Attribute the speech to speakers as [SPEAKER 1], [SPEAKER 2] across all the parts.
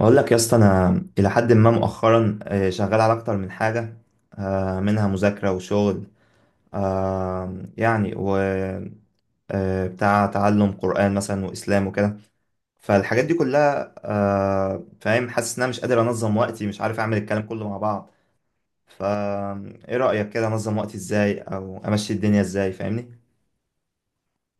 [SPEAKER 1] اقول لك يا اسطى، انا الى حد ما مؤخرا شغال على اكتر من حاجه. منها مذاكره وشغل. آه، يعني و بتاع تعلم قران مثلا، واسلام وكده. فالحاجات دي كلها فاهم، حاسس ان انا مش قادر انظم وقتي، مش عارف اعمل الكلام كله مع بعض. فا ايه رايك كده؟ انظم وقتي ازاي، او امشي الدنيا ازاي، فاهمني؟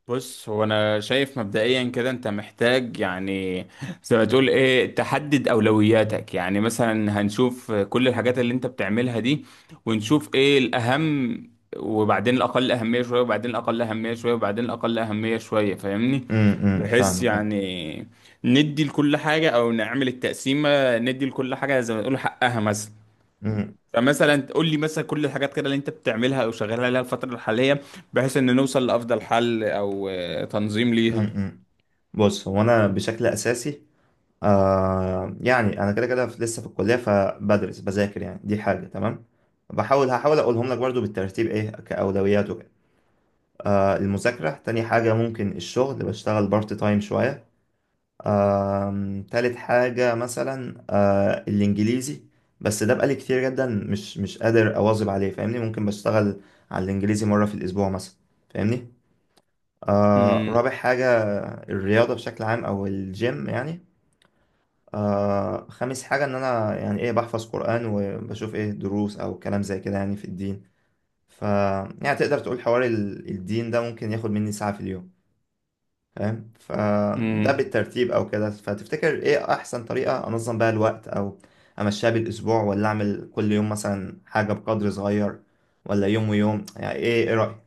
[SPEAKER 2] بص، هو انا شايف مبدئيا كده انت محتاج، يعني زي ما تقول ايه، تحدد اولوياتك. يعني مثلا هنشوف كل الحاجات اللي انت بتعملها دي، ونشوف ايه الاهم، وبعدين الاقل اهمية شوية، وبعدين الاقل اهمية شوية، وبعدين الاقل اهمية شوية، فاهمني؟
[SPEAKER 1] امم،
[SPEAKER 2] بحيث
[SPEAKER 1] فاهمك أه.
[SPEAKER 2] يعني ندي لكل حاجة، او نعمل التقسيمة ندي لكل حاجة زي ما تقول حقها مثلا.
[SPEAKER 1] أمم،
[SPEAKER 2] فمثلا تقول لي مثلا كل الحاجات كده اللي انت بتعملها او شغال عليها الفتره الحاليه، بحيث ان نوصل لافضل حل او تنظيم
[SPEAKER 1] أمم،
[SPEAKER 2] ليها.
[SPEAKER 1] أمم. بص، هو انا بشكل اساسي، يعني انا كده كده لسه في الكليه، فبدرس بذاكر، يعني دي حاجه تمام. بحاول هحاول اقولهم لك برضو بالترتيب، ايه كاولويات وكده. المذاكره تاني حاجه، ممكن الشغل، بشتغل بارت تايم شويه. تالت حاجه مثلا الانجليزي. بس ده بقالي كتير جدا، مش قادر اواظب عليه، فاهمني؟ ممكن بشتغل على الانجليزي مره في الاسبوع مثلا، فاهمني.
[SPEAKER 2] امم
[SPEAKER 1] رابع حاجه، الرياضه بشكل عام او الجيم يعني. خامس حاجة، إن أنا يعني إيه، بحفظ قرآن وبشوف إيه دروس أو كلام زي كده يعني في الدين. ف يعني تقدر تقول حوار الدين ده ممكن ياخد مني ساعة في اليوم، فاهم؟ فده
[SPEAKER 2] امم
[SPEAKER 1] بالترتيب أو كده، فتفتكر إيه أحسن طريقة أنظم بيها الوقت، أو أمشيها بالأسبوع، ولا أعمل كل يوم مثلا حاجة بقدر صغير، ولا يوم ويوم، يعني إيه رأيك؟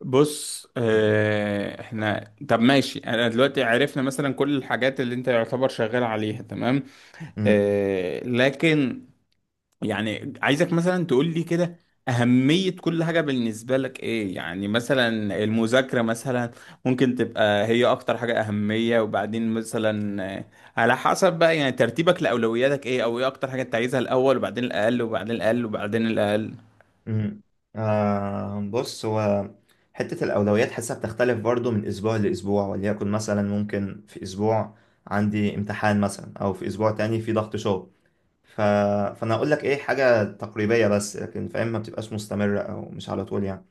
[SPEAKER 2] بص، احنا طب ماشي، انا دلوقتي عرفنا مثلا كل الحاجات اللي انت يعتبر شغال عليها، تمام. لكن يعني عايزك مثلا تقول لي كده أهمية كل حاجة بالنسبة لك إيه. يعني مثلا المذاكرة مثلا ممكن تبقى هي أكتر حاجة أهمية، وبعدين مثلا على حسب بقى يعني ترتيبك لأولوياتك إيه، أو إيه أكتر حاجة أنت عايزها الأول، وبعدين الأقل، وبعدين الأقل، وبعدين الأقل.
[SPEAKER 1] امم. بص، هو حتة الأولويات حاسة بتختلف برضو من أسبوع لأسبوع، وليكن مثلا ممكن في أسبوع عندي امتحان مثلا، أو في أسبوع تاني في ضغط شغل. ف... فأنا أقول لك إيه حاجة تقريبية بس، لكن فاهم ما بتبقاش مستمرة أو مش على طول يعني.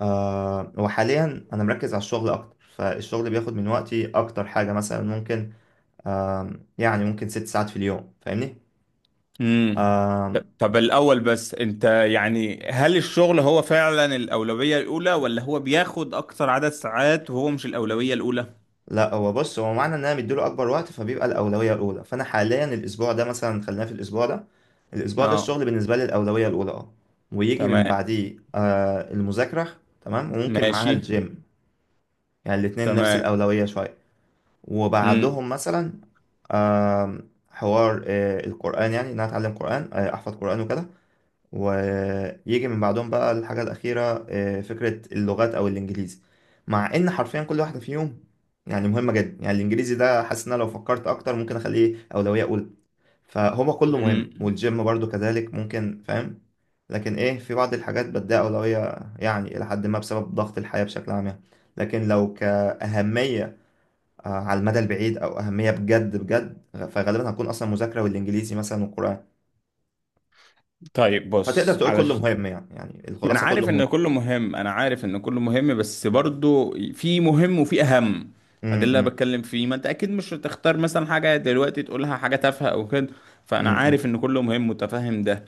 [SPEAKER 1] وحاليا أنا مركز على الشغل أكتر، فالشغل بياخد من وقتي أكتر حاجة، مثلا ممكن آه يعني ممكن 6 ساعات في اليوم، فاهمني؟
[SPEAKER 2] امم
[SPEAKER 1] آه،
[SPEAKER 2] طب الأول بس، أنت يعني هل الشغل هو فعلا الأولوية الأولى، ولا هو بياخد أكتر عدد ساعات وهو مش الأولوية الأولى؟
[SPEAKER 1] لا، هو بص، هو معنى ان انا مديله اكبر وقت فبيبقى الاولويه الاولى. فانا حاليا الاسبوع ده مثلا، خلينا في الاسبوع ده، الاسبوع ده
[SPEAKER 2] آه.
[SPEAKER 1] الشغل بالنسبه لي الاولويه الاولى، اه. ويجي من
[SPEAKER 2] تمام.
[SPEAKER 1] بعديه المذاكره، تمام، وممكن معاها
[SPEAKER 2] ماشي.
[SPEAKER 1] الجيم، يعني الاتنين نفس
[SPEAKER 2] تمام.
[SPEAKER 1] الاولويه شويه.
[SPEAKER 2] امم.
[SPEAKER 1] وبعدهم مثلا آه حوار القران، يعني ان انا اتعلم قران، احفظ قران وكده. ويجي من بعدهم بقى الحاجة الأخيرة، فكرة اللغات أو الإنجليزي، مع إن حرفيا كل واحدة فيهم يعني مهمة جدا. يعني الإنجليزي ده حاسس إن أنا لو فكرت أكتر ممكن أخليه أولوية أولى، فهو كله مهم،
[SPEAKER 2] مم.
[SPEAKER 1] والجيم برضو كذلك، ممكن فاهم. لكن إيه، في بعض الحاجات بديها أولوية يعني إلى حد ما بسبب ضغط الحياة بشكل عام يعني. لكن لو كأهمية على المدى البعيد أو أهمية بجد بجد، فغالبا هتكون أصلا مذاكرة والإنجليزي مثلا والقرآن.
[SPEAKER 2] طيب
[SPEAKER 1] فتقدر
[SPEAKER 2] بص
[SPEAKER 1] تقول
[SPEAKER 2] على،
[SPEAKER 1] كله مهم، يعني
[SPEAKER 2] انا
[SPEAKER 1] الخلاصة كله
[SPEAKER 2] عارف ان
[SPEAKER 1] مهم.
[SPEAKER 2] كله مهم، انا عارف ان كله مهم، بس برضو في مهم وفي اهم. ده اللي انا
[SPEAKER 1] امم.
[SPEAKER 2] بتكلم فيه. ما انت اكيد مش هتختار مثلا حاجه دلوقتي تقولها حاجه تافهه او كده. فانا
[SPEAKER 1] امم.
[SPEAKER 2] عارف ان كله مهم، متفهم ده.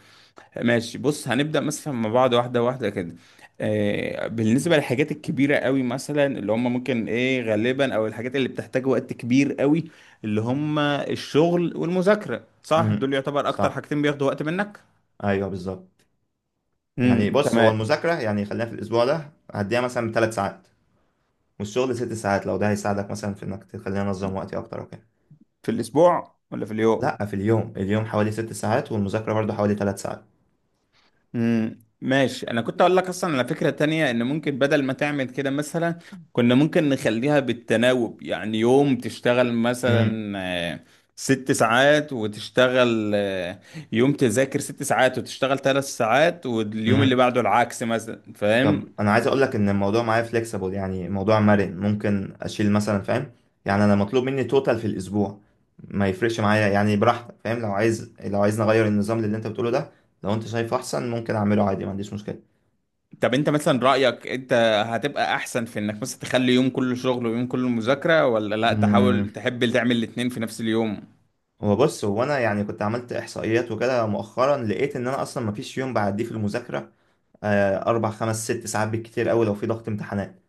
[SPEAKER 2] ماشي، بص، هنبدا مثلا مع بعض واحده واحده كده. بالنسبه للحاجات الكبيره قوي مثلا، اللي هم ممكن ايه غالبا، او الحاجات اللي بتحتاج وقت كبير قوي، اللي هم الشغل والمذاكره، صح؟
[SPEAKER 1] امم.
[SPEAKER 2] دول يعتبر اكتر
[SPEAKER 1] صح.
[SPEAKER 2] حاجتين بياخدوا وقت منك.
[SPEAKER 1] ايوه بالظبط. يعني بص، هو
[SPEAKER 2] تمام.
[SPEAKER 1] المذاكره يعني خلينا في الاسبوع ده هديها مثلا 3 ساعات، والشغل 6 ساعات. لو ده هيساعدك مثلا في انك تخليني انظم وقتي اكتر وكده.
[SPEAKER 2] في الاسبوع ولا في اليوم؟
[SPEAKER 1] لا، في اليوم. اليوم حوالي 6 ساعات، والمذاكره برضو حوالي 3 ساعات.
[SPEAKER 2] ماشي، انا كنت اقول لك اصلا على فكرة تانية، ان ممكن بدل ما تعمل كده مثلا، كنا ممكن نخليها بالتناوب، يعني يوم تشتغل مثلا آه، 6 ساعات، وتشتغل يوم تذاكر 6 ساعات وتشتغل 3 ساعات، واليوم اللي
[SPEAKER 1] امم.
[SPEAKER 2] بعده العكس مثلا، فاهم؟
[SPEAKER 1] طب انا عايز اقول لك ان الموضوع معايا فليكسيبل، يعني الموضوع مرن، ممكن اشيل مثلا فاهم. يعني انا مطلوب مني توتال في الاسبوع، ما يفرقش معايا، يعني براحتك فاهم. لو عايز نغير النظام اللي انت بتقوله ده، لو انت شايفه احسن، ممكن اعمله عادي، ما عنديش مشكله.
[SPEAKER 2] طب انت مثلا رأيك، انت هتبقى احسن في انك مثلا تخلي يوم كله شغل ويوم كله مذاكرة، ولا لا،
[SPEAKER 1] امم.
[SPEAKER 2] تحاول تحب تعمل الاتنين في نفس اليوم؟
[SPEAKER 1] هو بص، هو انا يعني كنت عملت احصائيات وكده مؤخرا، لقيت ان انا اصلا ما فيش يوم بعديه في المذاكره أربع خمس ست ساعات بالكتير أوي لو في ضغط امتحانات.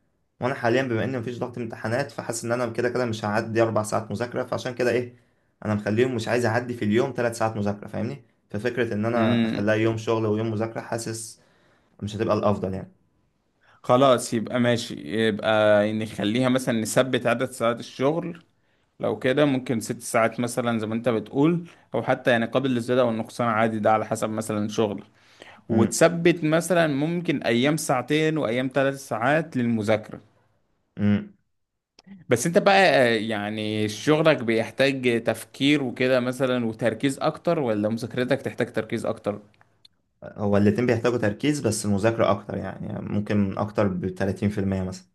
[SPEAKER 1] وأنا حاليا بما إن مفيش ضغط امتحانات، فحاسس إن أنا كده كده مش هعدي 4 ساعات مذاكرة، فعشان كده إيه، أنا مخليهم مش عايز أعدي في اليوم 3 ساعات مذاكرة، فاهمني. ففكرة إن أنا
[SPEAKER 2] مم.
[SPEAKER 1] أخليها يوم شغل ويوم مذاكرة، حاسس مش هتبقى الأفضل يعني.
[SPEAKER 2] خلاص، يبقى ماشي، يبقى نخليها مثلا نثبت عدد ساعات الشغل. لو كده ممكن 6 ساعات مثلا زي ما انت بتقول، او حتى يعني قابل للزيادة والنقصان عادي، ده على حسب مثلا شغل.
[SPEAKER 1] امم.
[SPEAKER 2] وتثبت مثلا ممكن ايام ساعتين وايام 3 ساعات للمذاكرة.
[SPEAKER 1] امم.
[SPEAKER 2] بس انت بقى يعني شغلك بيحتاج تفكير وكده مثلا وتركيز اكتر، ولا مذاكرتك تحتاج تركيز اكتر؟
[SPEAKER 1] هو الاتنين بيحتاجوا تركيز، بس المذاكرة أكتر يعني ممكن أكتر بـ30% مثلا.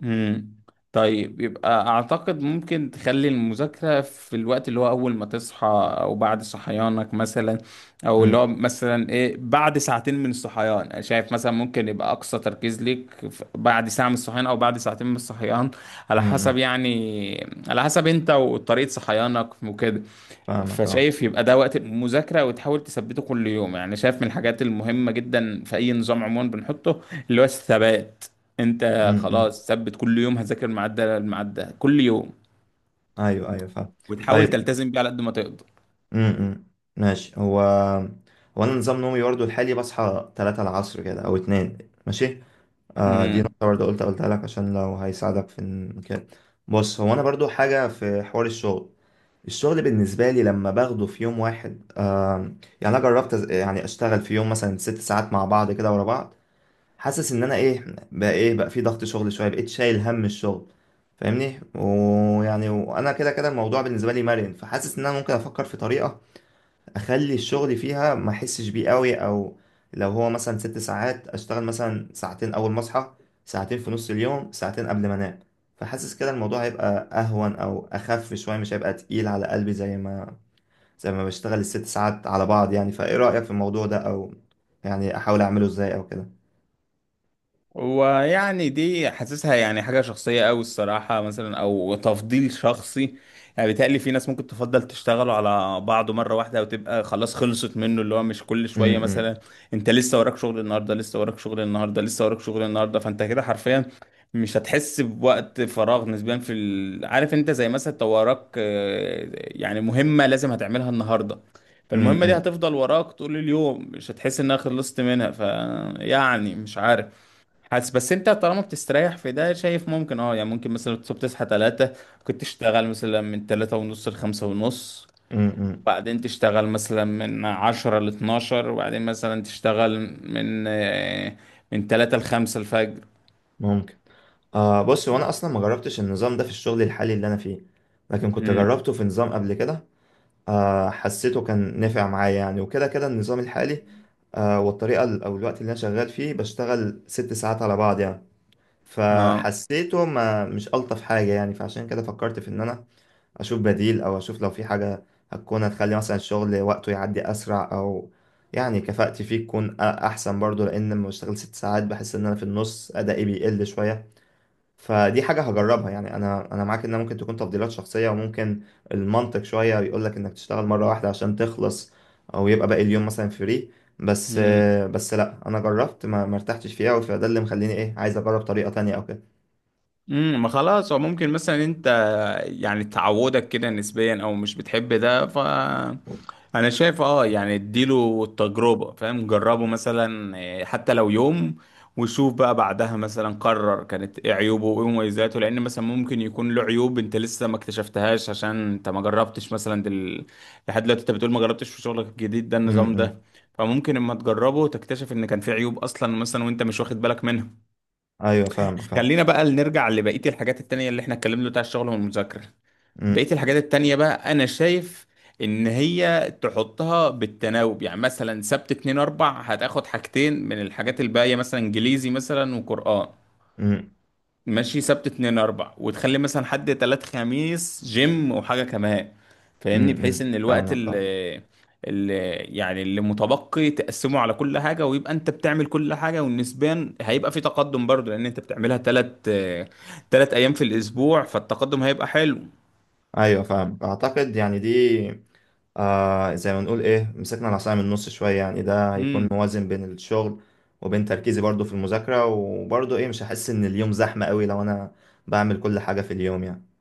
[SPEAKER 2] مم. طيب يبقى اعتقد ممكن تخلي المذاكرة في الوقت اللي هو اول ما تصحى، او بعد صحيانك مثلا، او اللي
[SPEAKER 1] امم.
[SPEAKER 2] هو مثلا ايه، بعد ساعتين من الصحيان. أنا شايف مثلا ممكن يبقى اقصى تركيز ليك بعد ساعة من الصحيان، او بعد ساعتين من الصحيان، على
[SPEAKER 1] امم.
[SPEAKER 2] حسب
[SPEAKER 1] أمم.
[SPEAKER 2] يعني، على حسب انت وطريقة صحيانك وكده.
[SPEAKER 1] فاهمك أه.
[SPEAKER 2] فشايف يبقى ده وقت المذاكرة، وتحاول تثبته كل يوم. يعني شايف من الحاجات المهمة جدا في أي نظام عموما بنحطه، اللي هو الثبات. أنت
[SPEAKER 1] امم. أمم.
[SPEAKER 2] خلاص ثبت، كل يوم هذاكر الميعاد ده، الميعاد ده كل يوم،
[SPEAKER 1] أيوه، أيوه، فاهم.
[SPEAKER 2] وتحاول
[SPEAKER 1] طيب.
[SPEAKER 2] تلتزم بيه على قد ما تقدر.
[SPEAKER 1] امم. ماشي. هو انا نظام نومي برضه الحالي، بصحى 3 العصر كده او 2، ماشي. دي نقطة
[SPEAKER 2] مم.
[SPEAKER 1] برضه، قلتها لك عشان لو هيساعدك في إن كده. بص، هو انا برضه حاجة في حوار الشغل. الشغل بالنسبة لي لما باخده في يوم واحد، يعني انا جربت يعني اشتغل في يوم مثلا 6 ساعات مع بعض كده ورا بعض، حاسس ان انا ايه بقى في ضغط شغل شوية، بقيت شايل هم الشغل، فاهمني. ويعني وانا كده كده الموضوع بالنسبة لي مرن، فحاسس ان انا ممكن افكر في طريقة اخلي الشغل فيها ما احسش بيه قوي، او لو هو مثلا 6 ساعات اشتغل مثلا ساعتين اول ما اصحى، ساعتين في نص اليوم، ساعتين قبل ما انام. فحاسس كده الموضوع هيبقى اهون او اخف شويه، مش هيبقى تقيل على قلبي زي ما بشتغل الست ساعات على بعض يعني. فايه رايك في الموضوع ده، او يعني احاول اعمله ازاي او كده؟
[SPEAKER 2] ويعني دي حاسسها يعني حاجة شخصية أوي الصراحة مثلا، أو تفضيل شخصي. يعني بيتهيألي في ناس ممكن تفضل تشتغلوا على بعضه مرة واحدة، أو تبقى خلاص خلصت منه، اللي هو مش كل شوية
[SPEAKER 1] امم.
[SPEAKER 2] مثلا. أنت لسه وراك شغل النهاردة، لسه وراك شغل النهاردة، لسه وراك شغل النهاردة، فأنت كده حرفيا مش هتحس بوقت فراغ نسبيا عارف، أنت زي مثلا أنت وراك يعني مهمة لازم هتعملها النهاردة، فالمهمة دي
[SPEAKER 1] امم.
[SPEAKER 2] هتفضل وراك طول اليوم، مش هتحس إنها خلصت منها. فيعني مش عارف، حاسس بس انت طالما بتستريح في ده، شايف ممكن اه يعني، ممكن مثلا تصحى 3، كنت تشتغل مثلا من 3:30 لخمسة ونص،
[SPEAKER 1] امم.
[SPEAKER 2] بعدين تشتغل مثلا من 10 لاتناشر، وبعدين مثلا تشتغل من آه، من 3 لخمسة الفجر.
[SPEAKER 1] ممكن. بص، هو انا اصلا ما جربتش النظام ده في الشغل الحالي اللي انا فيه، لكن كنت
[SPEAKER 2] امم.
[SPEAKER 1] جربته في نظام قبل كده. حسيته كان نافع معايا يعني، وكده كده النظام الحالي والطريقة أو الوقت اللي أنا شغال فيه بشتغل 6 ساعات على بعض يعني،
[SPEAKER 2] اه.
[SPEAKER 1] فحسيته ما مش ألطف حاجة يعني. فعشان كده فكرت في إن أنا أشوف بديل، أو أشوف لو في حاجة هتخلي مثلا الشغل وقته يعدي أسرع، أو يعني كفاءتي فيه تكون أحسن برضو، لأن لما بشتغل 6 ساعات بحس إن أنا في النص أدائي بيقل شوية. فدي حاجة هجربها يعني. أنا معاك إنها ممكن تكون تفضيلات شخصية، وممكن المنطق شوية بيقول لك إنك تشتغل مرة واحدة عشان تخلص، أو يبقى باقي اليوم مثلا فري. بس
[SPEAKER 2] مم.
[SPEAKER 1] بس لأ، أنا جربت ما ارتحتش فيها، فده اللي مخليني إيه عايز أجرب طريقة تانية أو كده.
[SPEAKER 2] ما خلاص، هو ممكن مثلا انت يعني تعودك كده نسبيا او مش بتحب ده، ف انا شايف اه يعني اديله التجربة، فاهم؟ جربه مثلا إيه، حتى لو يوم، وشوف بقى بعدها مثلا قرر كانت ايه عيوبه وايه مميزاته، لان مثلا ممكن يكون له عيوب انت لسه ما اكتشفتهاش عشان انت ما جربتش مثلا. لحد دلوقتي انت بتقول ما جربتش في شغلك الجديد ده،
[SPEAKER 1] م-
[SPEAKER 2] النظام
[SPEAKER 1] م.
[SPEAKER 2] ده، فممكن اما تجربه تكتشف ان كان في عيوب اصلا مثلا وانت مش واخد بالك منها.
[SPEAKER 1] أيوه، فاهمك، فاهم.
[SPEAKER 2] خلينا بقى نرجع لبقية الحاجات التانية اللي احنا اتكلمنا، بتاع الشغل والمذاكرة.
[SPEAKER 1] م-
[SPEAKER 2] بقية الحاجات التانية بقى، انا شايف ان هي تحطها بالتناوب، يعني مثلا سبت اتنين اربع هتاخد حاجتين من الحاجات الباقية، مثلا انجليزي مثلا وقرآن.
[SPEAKER 1] م-
[SPEAKER 2] ماشي، سبت اتنين اربع، وتخلي مثلا حد تلات خميس جيم وحاجة كمان،
[SPEAKER 1] م-
[SPEAKER 2] فاهمني؟ بحيث
[SPEAKER 1] م.
[SPEAKER 2] ان الوقت
[SPEAKER 1] فاهمك أه.
[SPEAKER 2] اللي متبقي تقسمه على كل حاجة، ويبقى انت بتعمل كل حاجة، والنسبان هيبقى في تقدم برضو، لان انت بتعملها 3 ايام في الاسبوع، فالتقدم هيبقى حلو.
[SPEAKER 1] ايوه، فاهم، اعتقد يعني دي زي ما نقول ايه، مسكنا العصاية من النص شوية، يعني ده هيكون موازن بين الشغل وبين تركيزي برضو في المذاكرة، وبرضو ايه مش هحس ان اليوم زحمة قوي لو انا بعمل كل حاجة في اليوم يعني.